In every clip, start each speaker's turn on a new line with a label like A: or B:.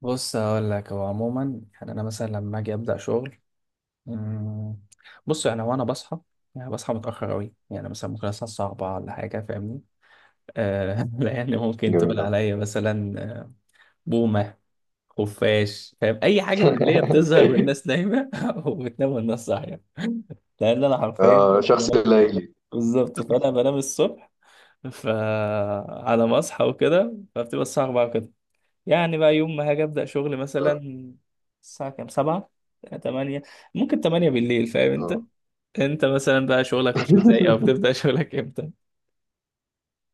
A: بص هقول لك هو عموما يعني انا مثلا لما اجي ابدا شغل. مم، بص يعني وانا بصحى. يعني بصحى متاخر قوي يعني مثلا ممكن اصحى الساعه 4 ولا حاجه فاهمني. آه لان ممكن
B: جميل
A: تقول
B: أوي.
A: عليا مثلا آه، بومه، خفاش. فاهم اي حاجه من اللي هي بتظهر والناس نايمه وبتنام والناس صاحيه. لان انا حرفيا
B: آه،
A: بنام.
B: شخص
A: بنام-
B: ليلي.
A: بالظبط فانا بنام الصبح. فعلى ما اصحى وكده فبتبقى الساعه 4 كده. يعني بقى يوم ما هاجي ابدا شغل مثلا
B: آه.
A: الساعه كام؟ سبعة، تمانية. ممكن تمانية بالليل فاهم انت؟
B: آه.
A: انت مثلا بقى شغلك مش ازاي او بتبدا شغلك امتى؟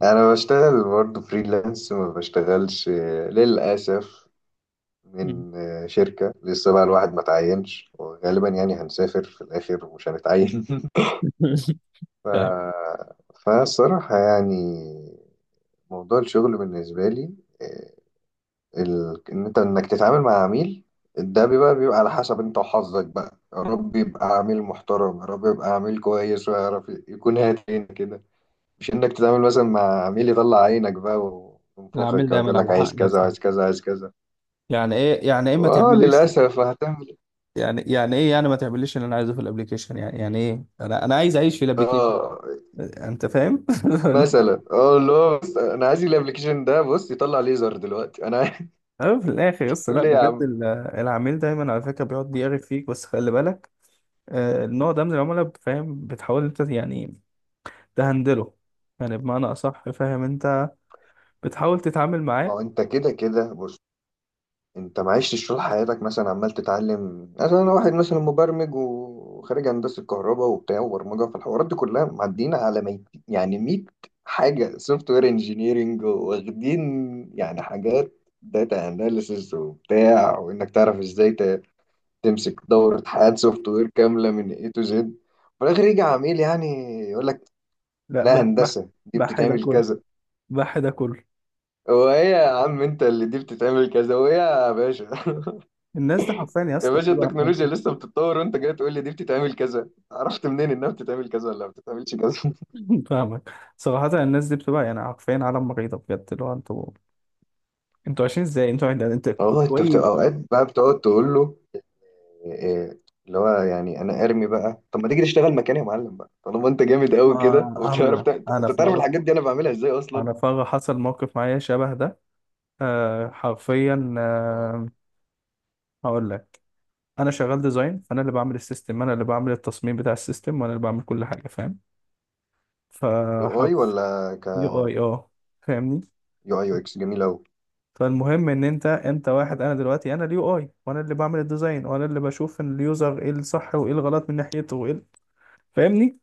B: أنا بشتغل برضه فريلانس، ما بشتغلش، للأسف،
A: مم.
B: من شركة. لسه بقى الواحد ما تعينش، وغالبا يعني هنسافر في الآخر ومش هنتعين. ف...
A: فاهم.
B: فالصراحة يعني موضوع الشغل بالنسبة لي، آه، ال... ان انت انك تتعامل مع عميل، ده بيبقى على حسب انت وحظك بقى. يا رب يبقى عميل محترم، يا رب يبقى عميل كويس ويعرف يكون هاتين كده، مش انك تتعامل مثلا مع عميل يطلع عينك بقى
A: العميل
B: وينفخك، يقعد يقول
A: دايما
B: لك
A: على حق
B: عايز
A: يا
B: كذا
A: اسطى.
B: عايز كذا عايز كذا.
A: يعني ايه يعني ايه ما
B: اه
A: تعمليش؟
B: للاسف، هتعمل إيه؟
A: يعني يعني ايه يعني ما تعمليش اللي انا عايزه في الابليكيشن؟ يعني يعني ايه انا عايز اعيش في الابليكيشن؟
B: اه
A: انت فاهم
B: مثلا. اه لا، بس انا عايز الابلكيشن ده، بص يطلع ليزر دلوقتي،
A: أه، في الاخر يا اسطى لا
B: تقول ايه يا
A: بجد
B: عم؟
A: العميل دايما على فكره بيقعد بيعرف فيك بس خلي بالك. النوع ده من العملاء فاهم بتحاول انت يعني تهندله. يعني بمعنى أصح فاهم أنت بتحاول تتعامل
B: ما
A: معاه.
B: هو انت كده كده بص، انت ما عشتش طول حياتك مثلا عمال تتعلم؟ مثلا انا واحد مثلا مبرمج وخارج هندسه كهرباء وبتاع وبرمجه، فالحوارات دي كلها معدينا على ميت، يعني 100 حاجه سوفت وير انجينيرنج واخدين، يعني حاجات داتا اناليسز وبتاع، وانك تعرف ازاي ت- تمسك دوره حياه سوفت وير كامله من اي تو زد. في الاخر يجي عميل يعني يقول لك
A: لا،
B: لا،
A: بح بح.
B: هندسه دي
A: بح ده
B: بتتعمل
A: كله.
B: كذا.
A: بح ده كله.
B: هو ايه يا عم انت؟ اللي دي بتتعمل كذا، هو ايه يا باشا؟
A: الناس دي حرفيا يا
B: يا
A: اسطى
B: باشا
A: بتبقى
B: التكنولوجيا لسه بتتطور، وانت جاي تقول لي دي بتتعمل كذا؟ عرفت منين انها بتتعمل كذا ولا ما بتتعملش كذا؟
A: فاهمك صراحة. الناس دي بتبقى يعني حرفيا عالم مريضة بجد. اللي هو انتوا انتوا عايشين ازاي؟ انتوا انت
B: والله انت
A: شوية.
B: بتبقى اوقات بقى بتقعد تقول له إيه، اللي هو يعني انا ارمي بقى، طب ما تيجي تشتغل مكاني يا معلم بقى، طالما انت جامد
A: ما
B: قوي كده
A: هعمل
B: وبتعرف
A: لك.
B: انت تعرف الحاجات دي انا بعملها ازاي اصلا؟
A: انا في مرة حصل موقف معايا شبه ده. آه حرفيا آه. هقول لك. انا شغال ديزاين، فانا اللي بعمل السيستم، انا اللي بعمل التصميم بتاع السيستم، وانا اللي بعمل كل حاجة فاهم.
B: يو اي
A: فحرفيا
B: ولا ك؟
A: يو اي. اه فاهمني.
B: يو اي يو اكس، جميل قوي.
A: فالمهم ان انت واحد. انا دلوقتي انا اليو اي وانا اللي بعمل الديزاين وانا اللي بشوف ان اليوزر ايه الصح وايه الغلط من ناحيته وايه فاهمني.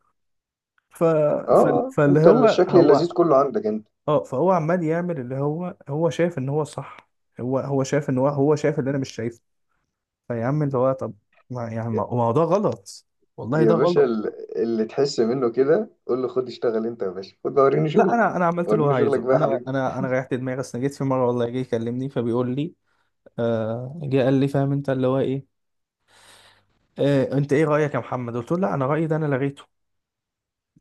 A: ف...
B: اه
A: ف... فاللي
B: انت
A: هو
B: الشكل
A: هو
B: اللذيذ كله عندك انت.
A: اه فهو عمال يعمل اللي هو هو شايف ان هو صح. هو هو شايف ان هو شايف اللي انا مش شايفه. فيا عم اللي هو طب. ما يعني ما
B: يا
A: ما هو ده غلط. والله
B: يا
A: ده
B: باشا
A: غلط.
B: ال- اللي تحس منه كده قول له خد اشتغل انت يا باشا، خد بقى وريني
A: لا
B: شغلك.
A: انا عملت اللي هو
B: وريني شغلك
A: عايزه.
B: بقى يا
A: انا
B: حبيبي.
A: انا انا ريحت دماغي. اصل جيت في مره والله جه يكلمني فبيقول لي آه. جه قال لي فاهم انت اللي هو ايه؟ إيه انت ايه رايك يا محمد؟ قلت له لا انا رايي ده انا لغيته.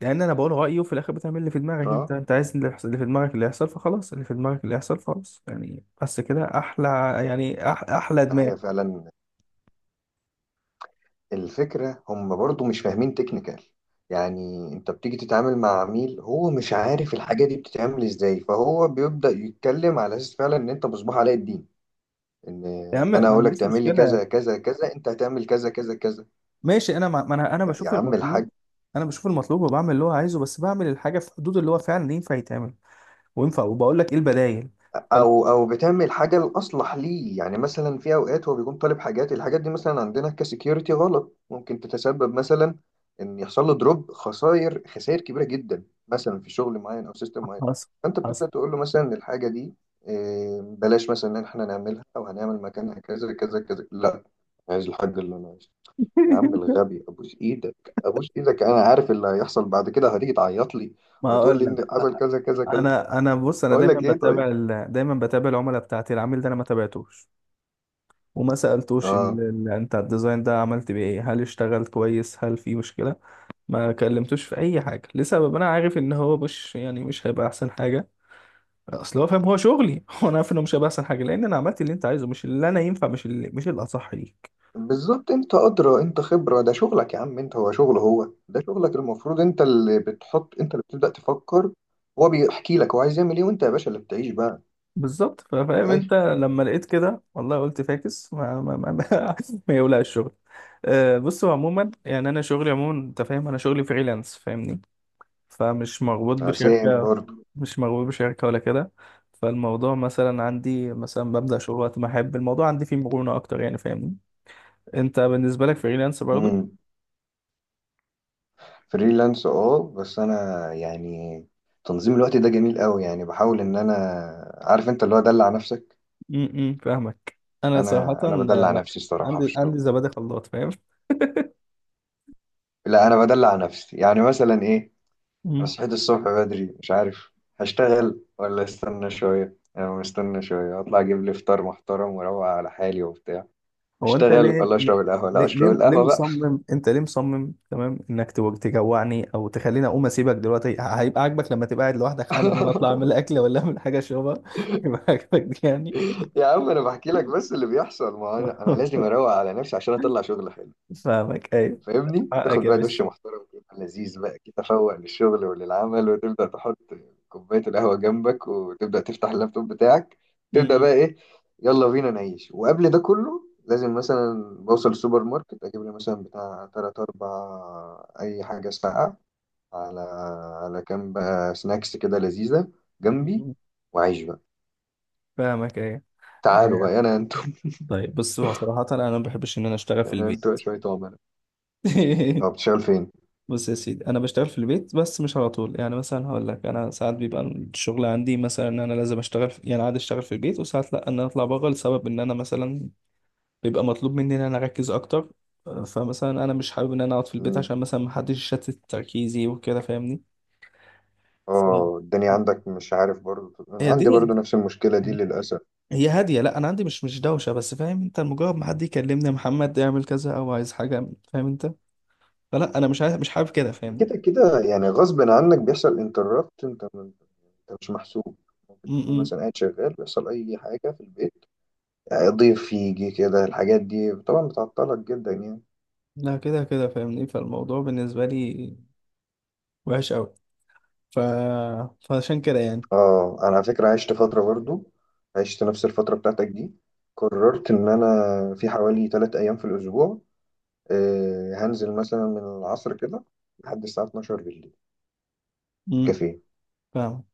A: لان انا بقول رايي وفي الاخر بتعمل اللي في دماغك. انت
B: اه
A: انت عايز اللي في دماغك اللي يحصل فخلاص. اللي في دماغك اللي يحصل فخلاص يعني. بس كده احلى. يعني أح احلى
B: ده
A: دماغ.
B: هي فعلا الفكرة، هم برضو مش فاهمين تكنيكال. يعني انت بتيجي تتعامل مع عميل هو مش عارف الحاجة دي بتتعمل ازاي، فهو بيبدأ يتكلم على اساس فعلا ان انت مصباح علاء الدين، ان
A: يا عم
B: ان انا
A: ما
B: اقول لك
A: عنديش
B: تعمل لي
A: مشكله.
B: كذا كذا كذا، انت هتعمل كذا كذا كذا.
A: ماشي ما انا
B: يا
A: بشوف
B: عم
A: المطلوب.
B: الحاج،
A: انا بشوف المطلوب وبعمل اللي هو عايزه بس بعمل الحاجه في حدود اللي هو فعلا ينفع يتعمل وينفع. وبقول لك ايه البدايل. فال-
B: او او بتعمل حاجه الاصلح ليه. يعني مثلا في اوقات هو بيكون طالب حاجات، الحاجات دي مثلا عندنا كسكيورتي غلط، ممكن تتسبب مثلا ان يحصل له دروب، خسائر كبيره جدا، مثلا في شغل معين او سيستم معين.
A: حصل.
B: فانت
A: حصل
B: بتبدا تقول له مثلا إن الحاجه دي بلاش مثلا ان احنا نعملها، او هنعمل مكانها كذا كذا كذا. لا، عايز الحاجه اللي انا عايزها. يا عم الغبي، ابوس ايدك ابوس ايدك، انا عارف اللي هيحصل بعد كده، هتيجي تعيط لي
A: ما
B: وهتقول
A: اقول
B: لي
A: لك.
B: ان حصل كذا كذا كذا.
A: انا بص انا
B: اقول
A: دايما
B: لك ايه طيب.
A: بتابع دايما بتابع العملاء بتاعتي. العميل ده انا ما تابعتوش وما سألتوش
B: اه
A: انت الديزاين ده عملت بيه ايه؟ هل اشتغل كويس؟ هل في مشكلة؟ ما كلمتوش في اي حاجة لسبب انا عارف ان هو مش يعني مش هيبقى احسن حاجة. اصل هو فاهم هو شغلي هو انا عارف انه مش هيبقى احسن حاجة لان انا عملت اللي انت عايزه، مش اللي انا ينفع، مش اللي، مش الاصح ليك.
B: بالظبط، انت ادرى، انت خبره، ده شغلك يا عم انت، هو شغل، هو ده شغلك، المفروض انت اللي بتحط، انت اللي بتبدا تفكر. هو بيحكي لك هو عايز يعمل ايه، وانت يا باشا اللي بتعيش بقى
A: بالظبط
B: في
A: فاهم انت.
B: الاخر.
A: لما لقيت كده والله قلت فاكس، ما ما ما, ما, ما يولع الشغل. أه بصوا عموما يعني انا شغلي عموما انت فاهم انا شغلي فريلانس فاهمني. فمش مربوط
B: سام
A: بشركة.
B: برضه.
A: مش مربوط بشركة ولا كده. فالموضوع مثلا عندي مثلا ببدأ شغل وقت ما أحب. الموضوع عندي فيه مرونة أكتر يعني فاهمني. أنت بالنسبة لك فريلانس برضه؟
B: امم، فريلانس اه، بس انا يعني تنظيم الوقت ده جميل قوي، يعني بحاول ان انا عارف انت اللي هو دلع نفسك.
A: م- م، فاهمك. أنا صراحة
B: انا
A: آه،
B: بدلع
A: لأ.
B: نفسي الصراحه في
A: عندي
B: الشغل.
A: عندي زبادي خلاط فاهم؟
B: لا انا بدلع نفسي، يعني مثلا ايه، أنا
A: م.
B: صحيت الصبح بدري، مش عارف هشتغل ولا استنى شوية. يعني أنا مستنى شوية أطلع أجيب لي فطار محترم وأروق على حالي وبتاع،
A: هو أنت
B: أشتغل
A: ليه
B: ولا
A: ليه
B: أشرب القهوة؟ لا
A: ليه
B: أشرب
A: ليه ليه
B: القهوة بقى.
A: مصمم؟ أنت ليه مصمم تمام إنك تجوعني أو تخليني أقوم أسيبك دلوقتي؟ هيبقى عاجبك لما تبقى قاعد لوحدك حالا وأنا أطلع أعمل أكل ولا أعمل حاجة أشربها هيبقى عاجبك يعني؟
B: يا عم أنا بحكي لك بس اللي بيحصل، ما هو أنا لازم أروق على نفسي عشان أطلع شغل حلو.
A: فاهمك ايوه.
B: فاهمني،
A: حقك
B: تاخد
A: يا
B: بقى دش
A: باشا.
B: محترم كده لذيذ، بقى كده تفوق للشغل وللعمل، وتبدا تحط كوبايه القهوه جنبك، وتبدا تفتح اللابتوب بتاعك، تبدا
A: م-
B: بقى ايه، يلا بينا نعيش. وقبل ده كله لازم مثلا بوصل السوبر ماركت، اجيب لي مثلا بتاع تلات اربع اي حاجه ساقعه، على على كام بقى سناكس كده لذيذه جنبي،
A: م.
B: واعيش بقى.
A: فاهمك ايوه.
B: تعالوا
A: إيه.
B: بقى انا انتم.
A: طيب بص هو صراحة انا ما بحبش ان انا اشتغل في
B: انا انتم
A: البيت
B: شويه عملاء. طب بتشتغل فين؟
A: بص يا سيدي انا بشتغل في البيت بس مش على طول. يعني مثلا هقول لك انا ساعات بيبقى الشغل عندي مثلا ان انا لازم اشتغل يعني عادي اشتغل في البيت وساعات لا، ان انا اطلع بره لسبب ان انا مثلا بيبقى مطلوب مني ان انا اركز اكتر. فمثلا انا مش حابب ان انا اقعد في البيت عشان مثلا محدش يشتت تركيزي وكده فاهمني. فاهم.
B: اه الدنيا عندك مش عارف، برضو أنا
A: هي
B: عندي
A: الدنيا
B: برضو نفس المشكلة دي للأسف.
A: هي هادية. لا انا عندي مش دوشة بس فاهم انت. مجرد ما حد يكلمني يا محمد اعمل كذا او عايز حاجة فاهم انت. فلا انا مش عايز، مش حابب كده فاهمني.
B: كده كده يعني غصب عنك، بيحصل انتربت، انت مش محسوب،
A: م-
B: ممكن تكون
A: م.
B: مثلا قاعد شغال بيحصل أي حاجة في البيت، ضيف يجي كده، الحاجات دي طبعا بتعطلك جدا يعني.
A: لا كده كده فاهمني فالموضوع بالنسبة لي وحش قوي. ف... فعشان كده يعني.
B: اه أنا على فكرة عشت فترة برضو، عشت نفس الفترة بتاعتك دي. قررت إن أنا في حوالي تلات أيام في الأسبوع، هنزل مثلا من العصر كده لحد الساعة 12 بالليل
A: م.
B: كافيه.
A: فاهم.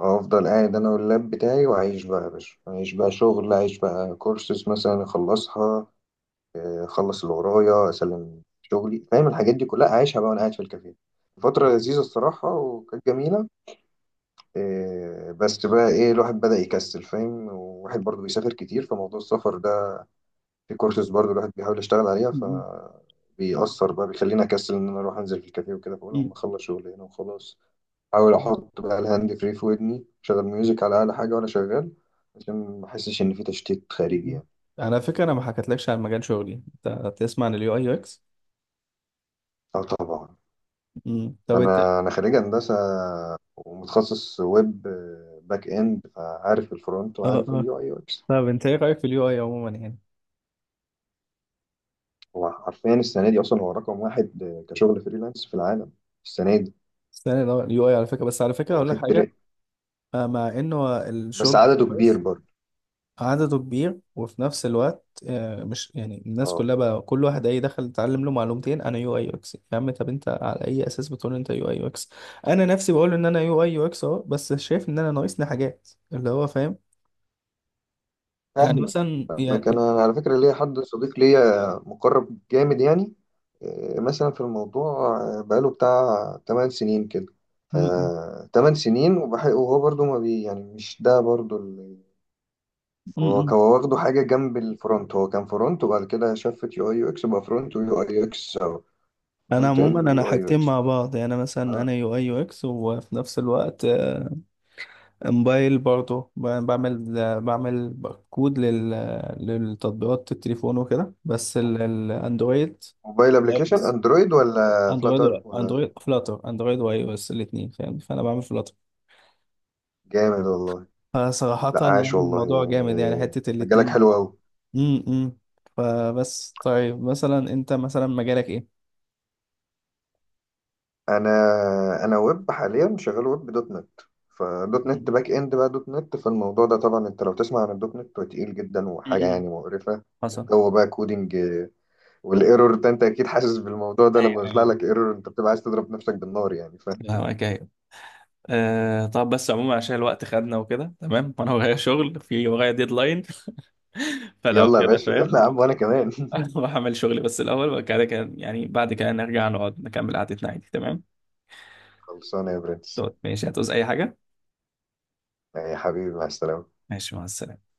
B: افضل قاعد انا واللاب بتاعي، واعيش بقى يا باشا، اعيش بقى شغل، اعيش بقى كورسز مثلا اخلصها، اخلص اللي ورايا، اسلم شغلي، فاهم الحاجات دي كلها اعيشها بقى وانا قاعد في الكافيه. فترة
A: م-
B: لذيذة الصراحة، وكانت جميلة. بس بقى ايه، الواحد بدأ يكسل فاهم، وواحد برضه بيسافر كتير، فموضوع السفر ده في كورسز برضه الواحد بيحاول يشتغل عليها،
A: م.
B: بيأثر بقى، بيخليني اكسل ان انا اروح انزل في الكافيه وكده. فاقول اما
A: م-
B: اخلص شغل هنا وخلاص، احاول احط بقى الهاند فري في ودني، شغل ميوزك على اعلى حاجه وانا شغال، عشان ما احسش ان في تشتيت خارجي
A: م.
B: يعني.
A: على فكرة انا ما حكيتلكش عن مجال شغلي. انت تسمع عن اليو اي يو اكس؟
B: اه طبعا.
A: طب انت؟
B: انا خريج هندسه ومتخصص ويب، باك اند، فعارف الفرونت
A: اه
B: وعارف
A: اه.
B: اليو اي يو اكس.
A: طب انت ايه رأيك في اليو اي عموما يعني؟
B: هو حرفيا السنه دي اصلا هو رقم واحد، كشغل فريلانس في العالم السنه دي.
A: استنى، اليو اي على فكرة، بس على
B: هو
A: فكرة اقول لك
B: واخد
A: حاجة.
B: ترند،
A: آه، مع انه
B: بس
A: الشغل بتاعه
B: عدده كبير
A: كويس.
B: برضه.
A: عدده كبير وفي نفس الوقت آه، مش يعني الناس
B: اه
A: كلها. بقى كل واحد اي دخل اتعلم له معلومتين انا يو اي يو اكس. يا عم طب انت على اي اساس بتقول انت يو اي يو اكس؟ انا نفسي بقول ان انا يو اي يو اكس اهو، بس شايف ان انا ناقصني حاجات اللي هو فاهم. يعني
B: فاهمك.
A: مثلا
B: فاهمك،
A: يعني.
B: انا على فكره ليا حد صديق ليا مقرب جامد يعني، مثلا في الموضوع بقاله بتاع 8 سنين كده. ف
A: م-
B: 8 سنين، وهو برضو ما بي يعني، مش ده برضو اللي
A: م-
B: هو
A: م-
B: كان واخده حاجه جنب الفرونت. هو كان فرونت وبعد كده شفت يو اي يو اكس، بقى فرونت ويو اي يو اكس، او
A: انا
B: فرونت
A: عموما
B: اند
A: انا
B: ويو اي يو
A: حاجتين
B: اكس.
A: مع بعض. يعني مثلا انا
B: آه،
A: يو اي يو اكس وفي نفس الوقت آه، موبايل برضه بعمل بعمل كود للتطبيقات التليفون وكده بس الاندرويد
B: موبايل
A: والاي او
B: ابلكيشن
A: اس.
B: اندرويد ولا
A: اندرويد
B: فلاتر
A: ولا
B: ولا؟
A: اندرويد فلاتر؟ اندرويد واي او اس الاثنين فاهم. فانا بعمل فلاتر.
B: جامد والله.
A: فصراحة
B: لا
A: يعني
B: عاش والله
A: الموضوع جامد يعني
B: يعني،
A: حتة
B: مجالك
A: الاثنين مع
B: حلو
A: بعض.
B: قوي.
A: امم. فبس طيب مثلا انت مثلا مجالك ايه؟
B: انا ويب حاليا، شغال ويب دوت نت. فدوت نت
A: مم.
B: باك اند بقى، دوت نت، فالموضوع ده طبعا انت لو تسمع عن الدوت نت هو تقيل جدا، وحاجه
A: مم.
B: يعني مقرفه،
A: حصل.
B: وجو بقى كودينج، والايرور ده انت اكيد حاسس بالموضوع ده،
A: ايوه
B: لما بيطلع
A: ايوه.
B: لك ايرور انت بتبقى عايز تضرب نفسك بالنار يعني. ف
A: فاهمك ايوه. آه طب بس عموما عشان الوقت خدنا وكده تمام وانا ورايا شغل، في ورايا ديدلاين فلو
B: يلا يا
A: كده
B: باشا، يلا
A: فاهم.
B: يا عم، وانا كمان.
A: اروح اعمل شغلي بس الاول وبعد كده كان يعني بعد كده نرجع نقعد نكمل قعدتنا عادي تمام.
B: خلصانه يا برنس.
A: دوت ماشي. هتعوز اي حاجه؟
B: يا حبيبي، مع السلامه.
A: ماشي، مع السلامه.